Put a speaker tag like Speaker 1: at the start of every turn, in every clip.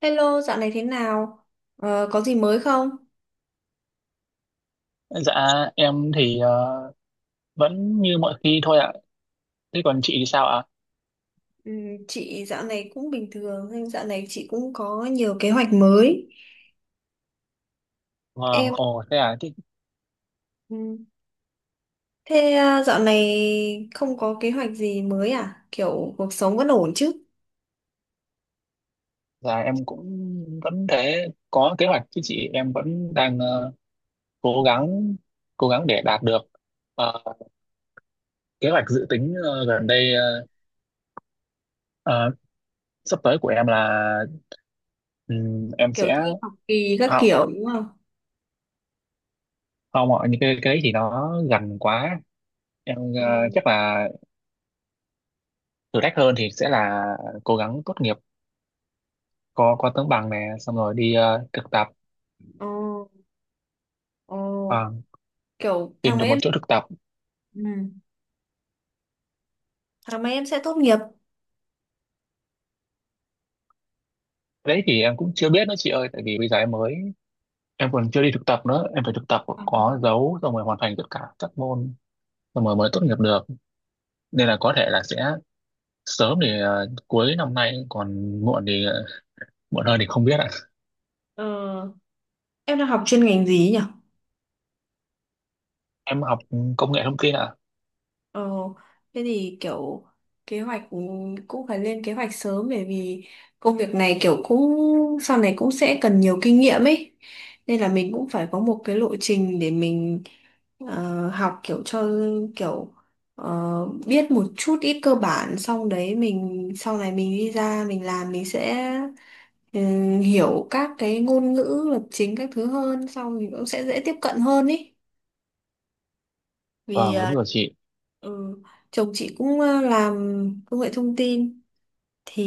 Speaker 1: Hello, dạo này thế nào? Có gì mới không?
Speaker 2: Dạ em thì vẫn như mọi khi thôi ạ. Thế còn chị thì sao ạ?
Speaker 1: Ừ, chị dạo này cũng bình thường, nhưng dạo này chị cũng có nhiều kế hoạch mới.
Speaker 2: Vâng,
Speaker 1: Em,
Speaker 2: ồ thế à, thế,
Speaker 1: ừ, thế à, dạo này không có kế hoạch gì mới à? Kiểu cuộc sống vẫn ổn chứ?
Speaker 2: dạ em cũng vẫn thế, có kế hoạch chứ chị, em vẫn đang cố gắng cố gắng để đạt được Ờ, kế hoạch dự tính gần đây, ờ, sắp tới của em là em
Speaker 1: Kiểu
Speaker 2: sẽ
Speaker 1: thi học kỳ các
Speaker 2: học
Speaker 1: kiểu đúng không?
Speaker 2: không ạ, những cái đấy thì nó gần quá. Em
Speaker 1: Ừ.
Speaker 2: chắc là thử thách hơn thì sẽ là cố gắng tốt nghiệp, có tấm bằng này xong rồi đi thực tập.
Speaker 1: Ồ, ồ,
Speaker 2: Ờ,
Speaker 1: kiểu
Speaker 2: tìm
Speaker 1: tháng mấy
Speaker 2: được
Speaker 1: em,
Speaker 2: một chỗ thực tập.
Speaker 1: ừ. tháng mấy em sẽ tốt nghiệp.
Speaker 2: Cái đấy thì em cũng chưa biết nữa chị ơi, tại vì bây giờ em mới, em còn chưa đi thực tập nữa, em phải thực tập có dấu xong rồi hoàn thành tất cả các môn xong rồi mới tốt nghiệp được, nên là có thể là sẽ sớm thì cuối năm nay, còn muộn thì muộn hơn thì không biết ạ.
Speaker 1: Ờ, em đang học chuyên ngành gì nhỉ?
Speaker 2: Em học công nghệ thông tin ạ.
Speaker 1: Ờ, Thế thì kiểu kế hoạch cũng phải lên kế hoạch sớm, bởi vì công việc này kiểu cũng sau này cũng sẽ cần nhiều kinh nghiệm ấy. Nên là mình cũng phải có một cái lộ trình để mình học kiểu cho kiểu biết một chút ít cơ bản, xong đấy mình sau này mình đi ra mình làm mình sẽ hiểu các cái ngôn ngữ lập trình các thứ hơn, xong mình cũng sẽ dễ tiếp cận hơn ý. Vì
Speaker 2: Vâng đúng rồi chị.
Speaker 1: ừ, chồng chị cũng làm công nghệ thông tin thì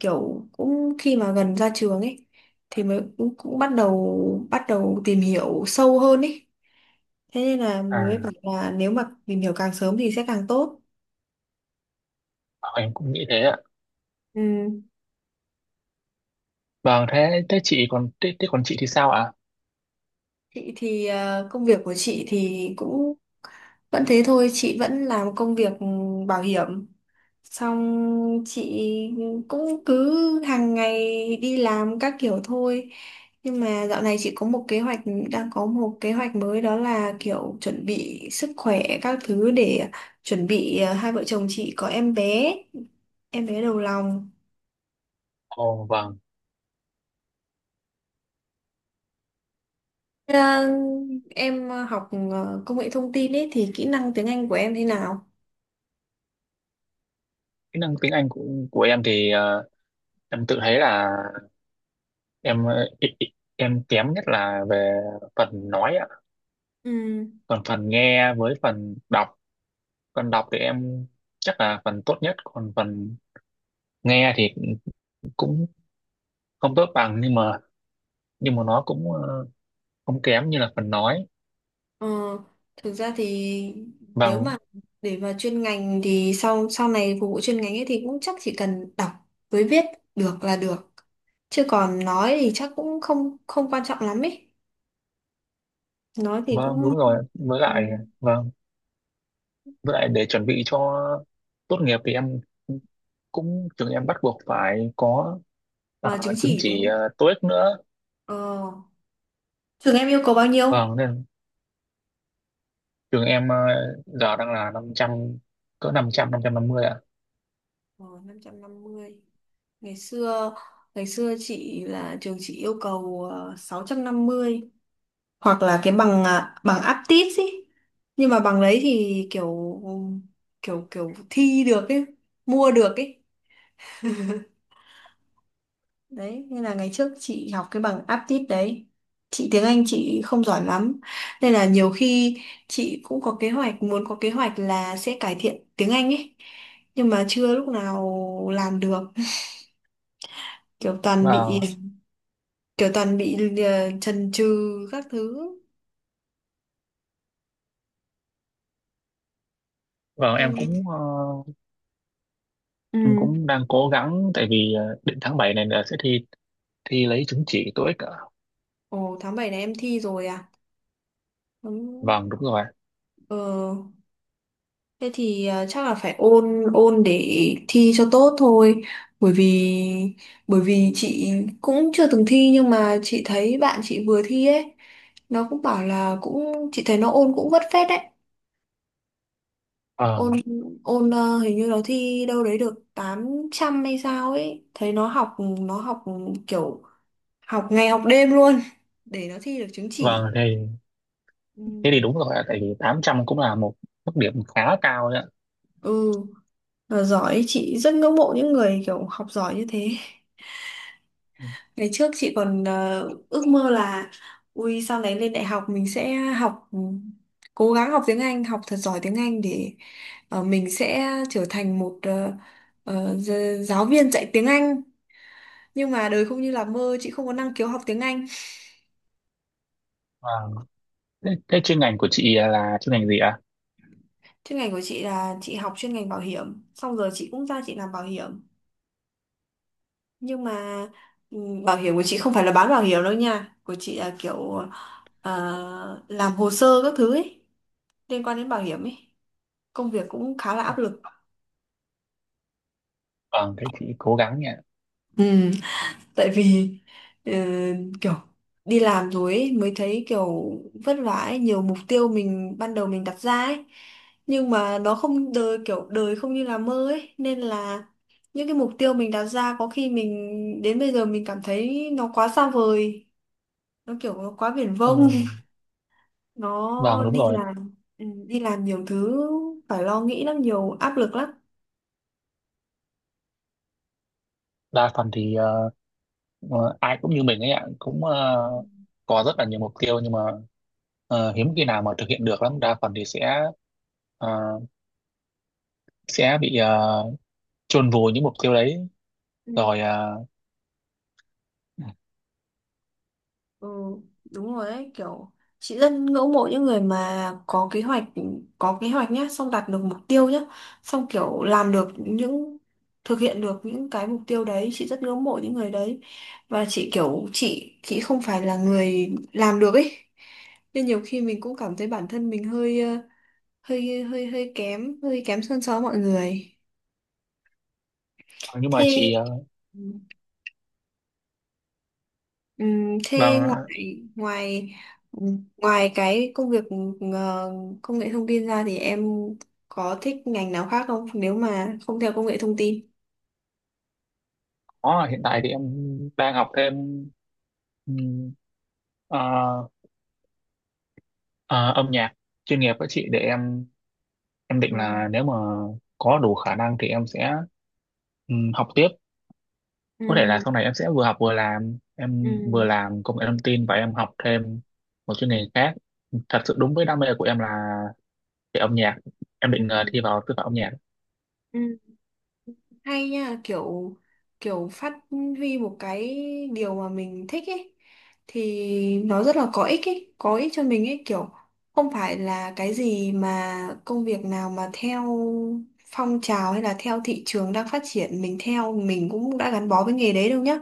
Speaker 1: kiểu cũng khi mà gần ra trường ấy thì mới cũng bắt đầu tìm hiểu sâu hơn ấy. Thế nên là mới bảo
Speaker 2: À
Speaker 1: là nếu mà tìm hiểu càng sớm thì sẽ càng tốt.
Speaker 2: vâng, em cũng nghĩ thế ạ.
Speaker 1: Ừ.
Speaker 2: Vâng, thế thế chị còn thế, thế còn chị thì sao ạ?
Speaker 1: Chị thì công việc của chị thì cũng vẫn thế thôi, chị vẫn làm công việc bảo hiểm, xong chị cũng cứ hàng ngày đi làm các kiểu thôi. Nhưng mà dạo này chị có một kế hoạch, đang có một kế hoạch mới, đó là kiểu chuẩn bị sức khỏe các thứ để chuẩn bị hai vợ chồng chị có em bé, em bé đầu lòng.
Speaker 2: Ồ vâng.
Speaker 1: Ờ, em học công nghệ thông tin ấy thì kỹ năng tiếng Anh của em thế nào?
Speaker 2: Kỹ năng tiếng Anh của em thì em tự thấy là em kém nhất là về phần nói ạ.
Speaker 1: Ừ.
Speaker 2: Còn phần nghe với phần đọc, phần đọc thì em chắc là phần tốt nhất, còn phần nghe thì cũng không tốt bằng, nhưng mà nó cũng không kém như là phần nói.
Speaker 1: Ờ, Thực ra thì nếu mà
Speaker 2: Vâng,
Speaker 1: để vào chuyên ngành thì sau sau này phục vụ chuyên ngành ấy thì cũng chắc chỉ cần đọc với viết được là được, chứ còn nói thì chắc cũng không không quan trọng lắm ấy, nói thì
Speaker 2: vâng
Speaker 1: cũng
Speaker 2: đúng rồi, với
Speaker 1: ừ.
Speaker 2: lại. Vâng, với lại để chuẩn bị cho tốt nghiệp thì em cũng trường em bắt buộc phải có ờ,
Speaker 1: À, chứng
Speaker 2: chứng
Speaker 1: chỉ đúng
Speaker 2: chỉ
Speaker 1: không?
Speaker 2: TOEIC nữa.
Speaker 1: Ờ, Trường em yêu cầu bao nhiêu?
Speaker 2: Vâng, nên trường em giờ đang là 500, cỡ năm 500, 550 ạ.
Speaker 1: Ờ, 550. Ngày xưa ngày xưa chị là trường chị yêu cầu 650, hoặc là cái bằng bằng aptis ý. Nhưng mà bằng đấy thì kiểu kiểu kiểu thi được ấy, mua được ấy. Đấy nên là ngày trước chị học cái bằng aptis đấy. Chị tiếng Anh chị không giỏi lắm, nên là nhiều khi chị cũng có kế hoạch muốn có kế hoạch là sẽ cải thiện tiếng Anh ấy, nhưng mà chưa lúc nào làm được, kiểu toàn bị
Speaker 2: Vâng,
Speaker 1: kiểu toàn bị chần chừ các thứ.
Speaker 2: vâng, em
Speaker 1: Em
Speaker 2: cũng ờ, em
Speaker 1: ừ.
Speaker 2: cũng đang cố gắng tại vì định tháng 7 này là sẽ thi thi lấy chứng chỉ TOEIC ạ.
Speaker 1: Ồ, tháng 7 này em thi rồi à? Ừ,
Speaker 2: Vâng đúng rồi.
Speaker 1: Ờ, thế thì chắc là phải ôn ôn để thi cho tốt thôi, bởi vì chị cũng chưa từng thi, nhưng mà chị thấy bạn chị vừa thi ấy, nó cũng bảo là cũng chị thấy nó ôn cũng vất phết đấy. ôn
Speaker 2: Vâng,
Speaker 1: ôn hình như nó thi đâu đấy được 800 hay sao ấy, thấy nó học kiểu học ngày học đêm luôn để nó thi được chứng chỉ.
Speaker 2: vâng thì
Speaker 1: ừ,
Speaker 2: thế thì đúng rồi ạ, tại vì 800 cũng là một mức điểm khá cao đấy ạ.
Speaker 1: ừ. Là giỏi, chị rất ngưỡng mộ những người kiểu học giỏi như thế. Ngày trước chị còn ước mơ là ui sau này lên đại học mình sẽ học, cố gắng học tiếng Anh, học thật giỏi tiếng Anh để mình sẽ trở thành một giáo viên dạy tiếng Anh. Nhưng mà đời không như là mơ, chị không có năng khiếu học tiếng Anh.
Speaker 2: Vâng, thế chuyên ngành của chị là chuyên ngành gì ạ?
Speaker 1: Chuyên ngành của chị là chị học chuyên ngành bảo hiểm, xong rồi chị cũng ra chị làm bảo hiểm. Nhưng mà ừ, bảo hiểm của chị không phải là bán bảo hiểm đâu nha, của chị là kiểu làm hồ sơ các thứ ấy, liên quan đến bảo hiểm ấy. Công việc cũng khá là áp lực.
Speaker 2: Vâng, thế chị cố gắng nhỉ.
Speaker 1: ừ, Tại vì ờ, kiểu đi làm rồi ấy, mới thấy kiểu vất vả ấy, nhiều mục tiêu mình ban đầu mình đặt ra ấy, nhưng mà nó không đời kiểu đời không như là mơ ấy, nên là những cái mục tiêu mình đặt ra có khi mình đến bây giờ mình cảm thấy nó quá xa vời, nó kiểu nó quá viển
Speaker 2: Ừ.
Speaker 1: vông.
Speaker 2: Vâng
Speaker 1: Nó
Speaker 2: đúng
Speaker 1: đi
Speaker 2: rồi,
Speaker 1: làm, đi làm nhiều thứ phải lo nghĩ lắm, nhiều áp lực lắm.
Speaker 2: đa phần thì ai cũng như mình ấy ạ, cũng có rất là nhiều mục tiêu nhưng mà hiếm khi nào mà thực hiện được lắm, đa phần thì ờ, sẽ bị chôn vùi những mục tiêu đấy
Speaker 1: Ừ.
Speaker 2: rồi,
Speaker 1: Ừ, đúng rồi đấy, kiểu chị rất ngưỡng mộ những người mà có kế hoạch nhá, xong đạt được mục tiêu nhá, xong kiểu làm được những thực hiện được những cái mục tiêu đấy, chị rất ngưỡng mộ những người đấy. Và chị kiểu chị không phải là người làm được ấy, nên nhiều khi mình cũng cảm thấy bản thân mình hơi hơi kém hơn so với mọi người.
Speaker 2: nhưng mà
Speaker 1: Thế
Speaker 2: chị
Speaker 1: Thế
Speaker 2: vâng.
Speaker 1: ngoài ngoài ngoài cái công việc ờ, công nghệ thông tin ra thì em có thích ngành nào khác không, nếu mà không theo công nghệ thông tin?
Speaker 2: Có, hiện tại thì em đang học thêm ừm, ờ, ờ, âm nhạc chuyên nghiệp với chị, để em định
Speaker 1: Ừ.
Speaker 2: là nếu mà có đủ khả năng thì em sẽ học tiếp,
Speaker 1: Ừ.
Speaker 2: có thể là sau này em sẽ vừa học vừa làm,
Speaker 1: Ừ.
Speaker 2: em vừa làm công nghệ thông tin và em học thêm một chuyên ngành khác thật sự đúng với đam mê của em là về âm nhạc. Em định thi vào sư phạm âm nhạc.
Speaker 1: Ừ. Hay nha, kiểu kiểu phát huy một cái điều mà mình thích ấy thì nó rất là có ích ấy, có ích cho mình ấy, kiểu không phải là cái gì mà công việc nào mà theo phong trào hay là theo thị trường đang phát triển mình theo, mình cũng đã gắn bó với nghề đấy đâu nhá,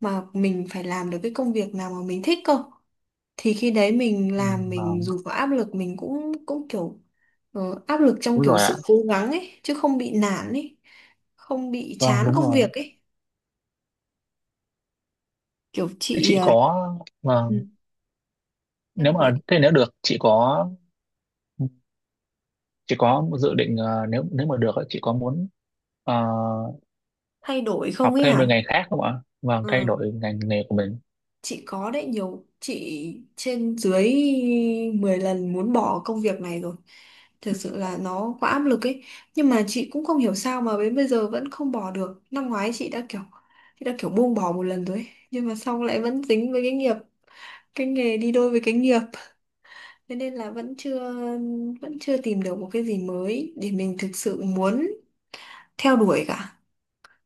Speaker 1: mà mình phải làm được cái công việc nào mà mình thích cơ, thì khi đấy mình
Speaker 2: Ừ.
Speaker 1: làm mình
Speaker 2: Vâng,
Speaker 1: dù có áp lực mình cũng cũng kiểu áp lực trong
Speaker 2: đúng
Speaker 1: kiểu
Speaker 2: rồi ạ.
Speaker 1: sự cố gắng ấy chứ không bị nản ấy, không bị
Speaker 2: Vâng,
Speaker 1: chán
Speaker 2: đúng
Speaker 1: công việc
Speaker 2: rồi.
Speaker 1: ấy. Kiểu
Speaker 2: Thế
Speaker 1: chị
Speaker 2: chị có, vâng,
Speaker 1: ừ, em
Speaker 2: nếu
Speaker 1: hỏi
Speaker 2: mà thế, nếu được chị có dự định nếu nếu mà được ấy, chị có muốn ờ,
Speaker 1: thay đổi không
Speaker 2: học
Speaker 1: ấy
Speaker 2: thêm một
Speaker 1: hả.
Speaker 2: ngành khác không ạ? Vâng, thay
Speaker 1: Ừ.
Speaker 2: đổi ngành nghề của mình.
Speaker 1: Chị có đấy, nhiều chị trên dưới 10 lần muốn bỏ công việc này rồi. Thật sự là nó quá áp lực ấy. Nhưng mà chị cũng không hiểu sao mà đến bây giờ vẫn không bỏ được. Năm ngoái chị đã kiểu buông bỏ một lần rồi ấy. Nhưng mà xong lại vẫn dính với cái nghiệp, cái nghề đi đôi với cái nghiệp. Thế nên là vẫn chưa tìm được một cái gì mới để mình thực sự muốn theo đuổi cả.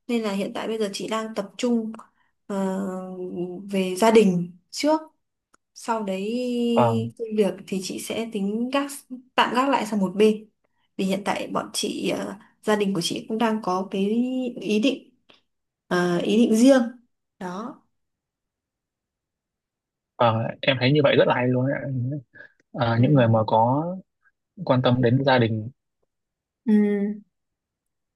Speaker 1: Nên là hiện tại bây giờ chị đang tập trung ờ, về gia đình trước, sau đấy
Speaker 2: Vâng.
Speaker 1: công việc thì chị sẽ tính gác, tạm gác lại sang một bên. Vì hiện tại bọn chị gia đình của chị cũng đang có cái ý định, ý định riêng đó.
Speaker 2: Ờ, em thấy như vậy rất là hay luôn ấy. Ờ,
Speaker 1: Ừ.
Speaker 2: những người mà có quan tâm đến gia đình,
Speaker 1: Ừ,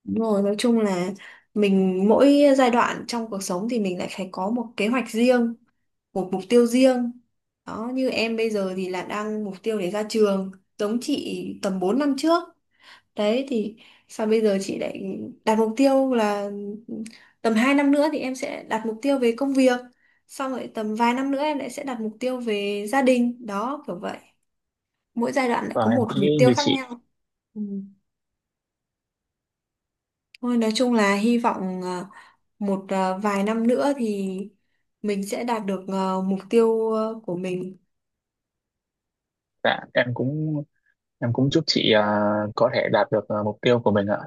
Speaker 1: đúng rồi, nói chung là mình mỗi giai đoạn trong cuộc sống thì mình lại phải có một kế hoạch riêng, một mục tiêu riêng. Đó, như em bây giờ thì là đang mục tiêu để ra trường, giống chị tầm 4 năm trước. Đấy thì sao bây giờ chị lại đặt mục tiêu là tầm 2 năm nữa thì em sẽ đặt mục tiêu về công việc. Xong rồi tầm vài năm nữa em lại sẽ đặt mục tiêu về gia đình. Đó kiểu vậy. Mỗi giai đoạn lại
Speaker 2: và
Speaker 1: có
Speaker 2: em
Speaker 1: một
Speaker 2: cũng
Speaker 1: mục
Speaker 2: nghĩ
Speaker 1: tiêu
Speaker 2: như
Speaker 1: khác
Speaker 2: chị.
Speaker 1: nhau. Ừ. Thôi nói chung là hy vọng vài năm nữa thì mình sẽ đạt được mục tiêu của mình.
Speaker 2: Dạ em cũng, chúc chị có thể đạt được mục tiêu của mình ạ.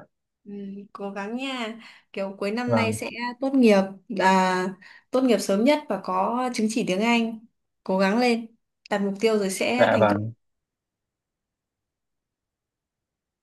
Speaker 1: Ừ, cố gắng nha, kiểu cuối năm nay
Speaker 2: Vâng
Speaker 1: sẽ tốt nghiệp, là tốt nghiệp sớm nhất và có chứng chỉ tiếng Anh, cố gắng lên, đặt mục tiêu rồi sẽ
Speaker 2: dạ
Speaker 1: thành
Speaker 2: vâng.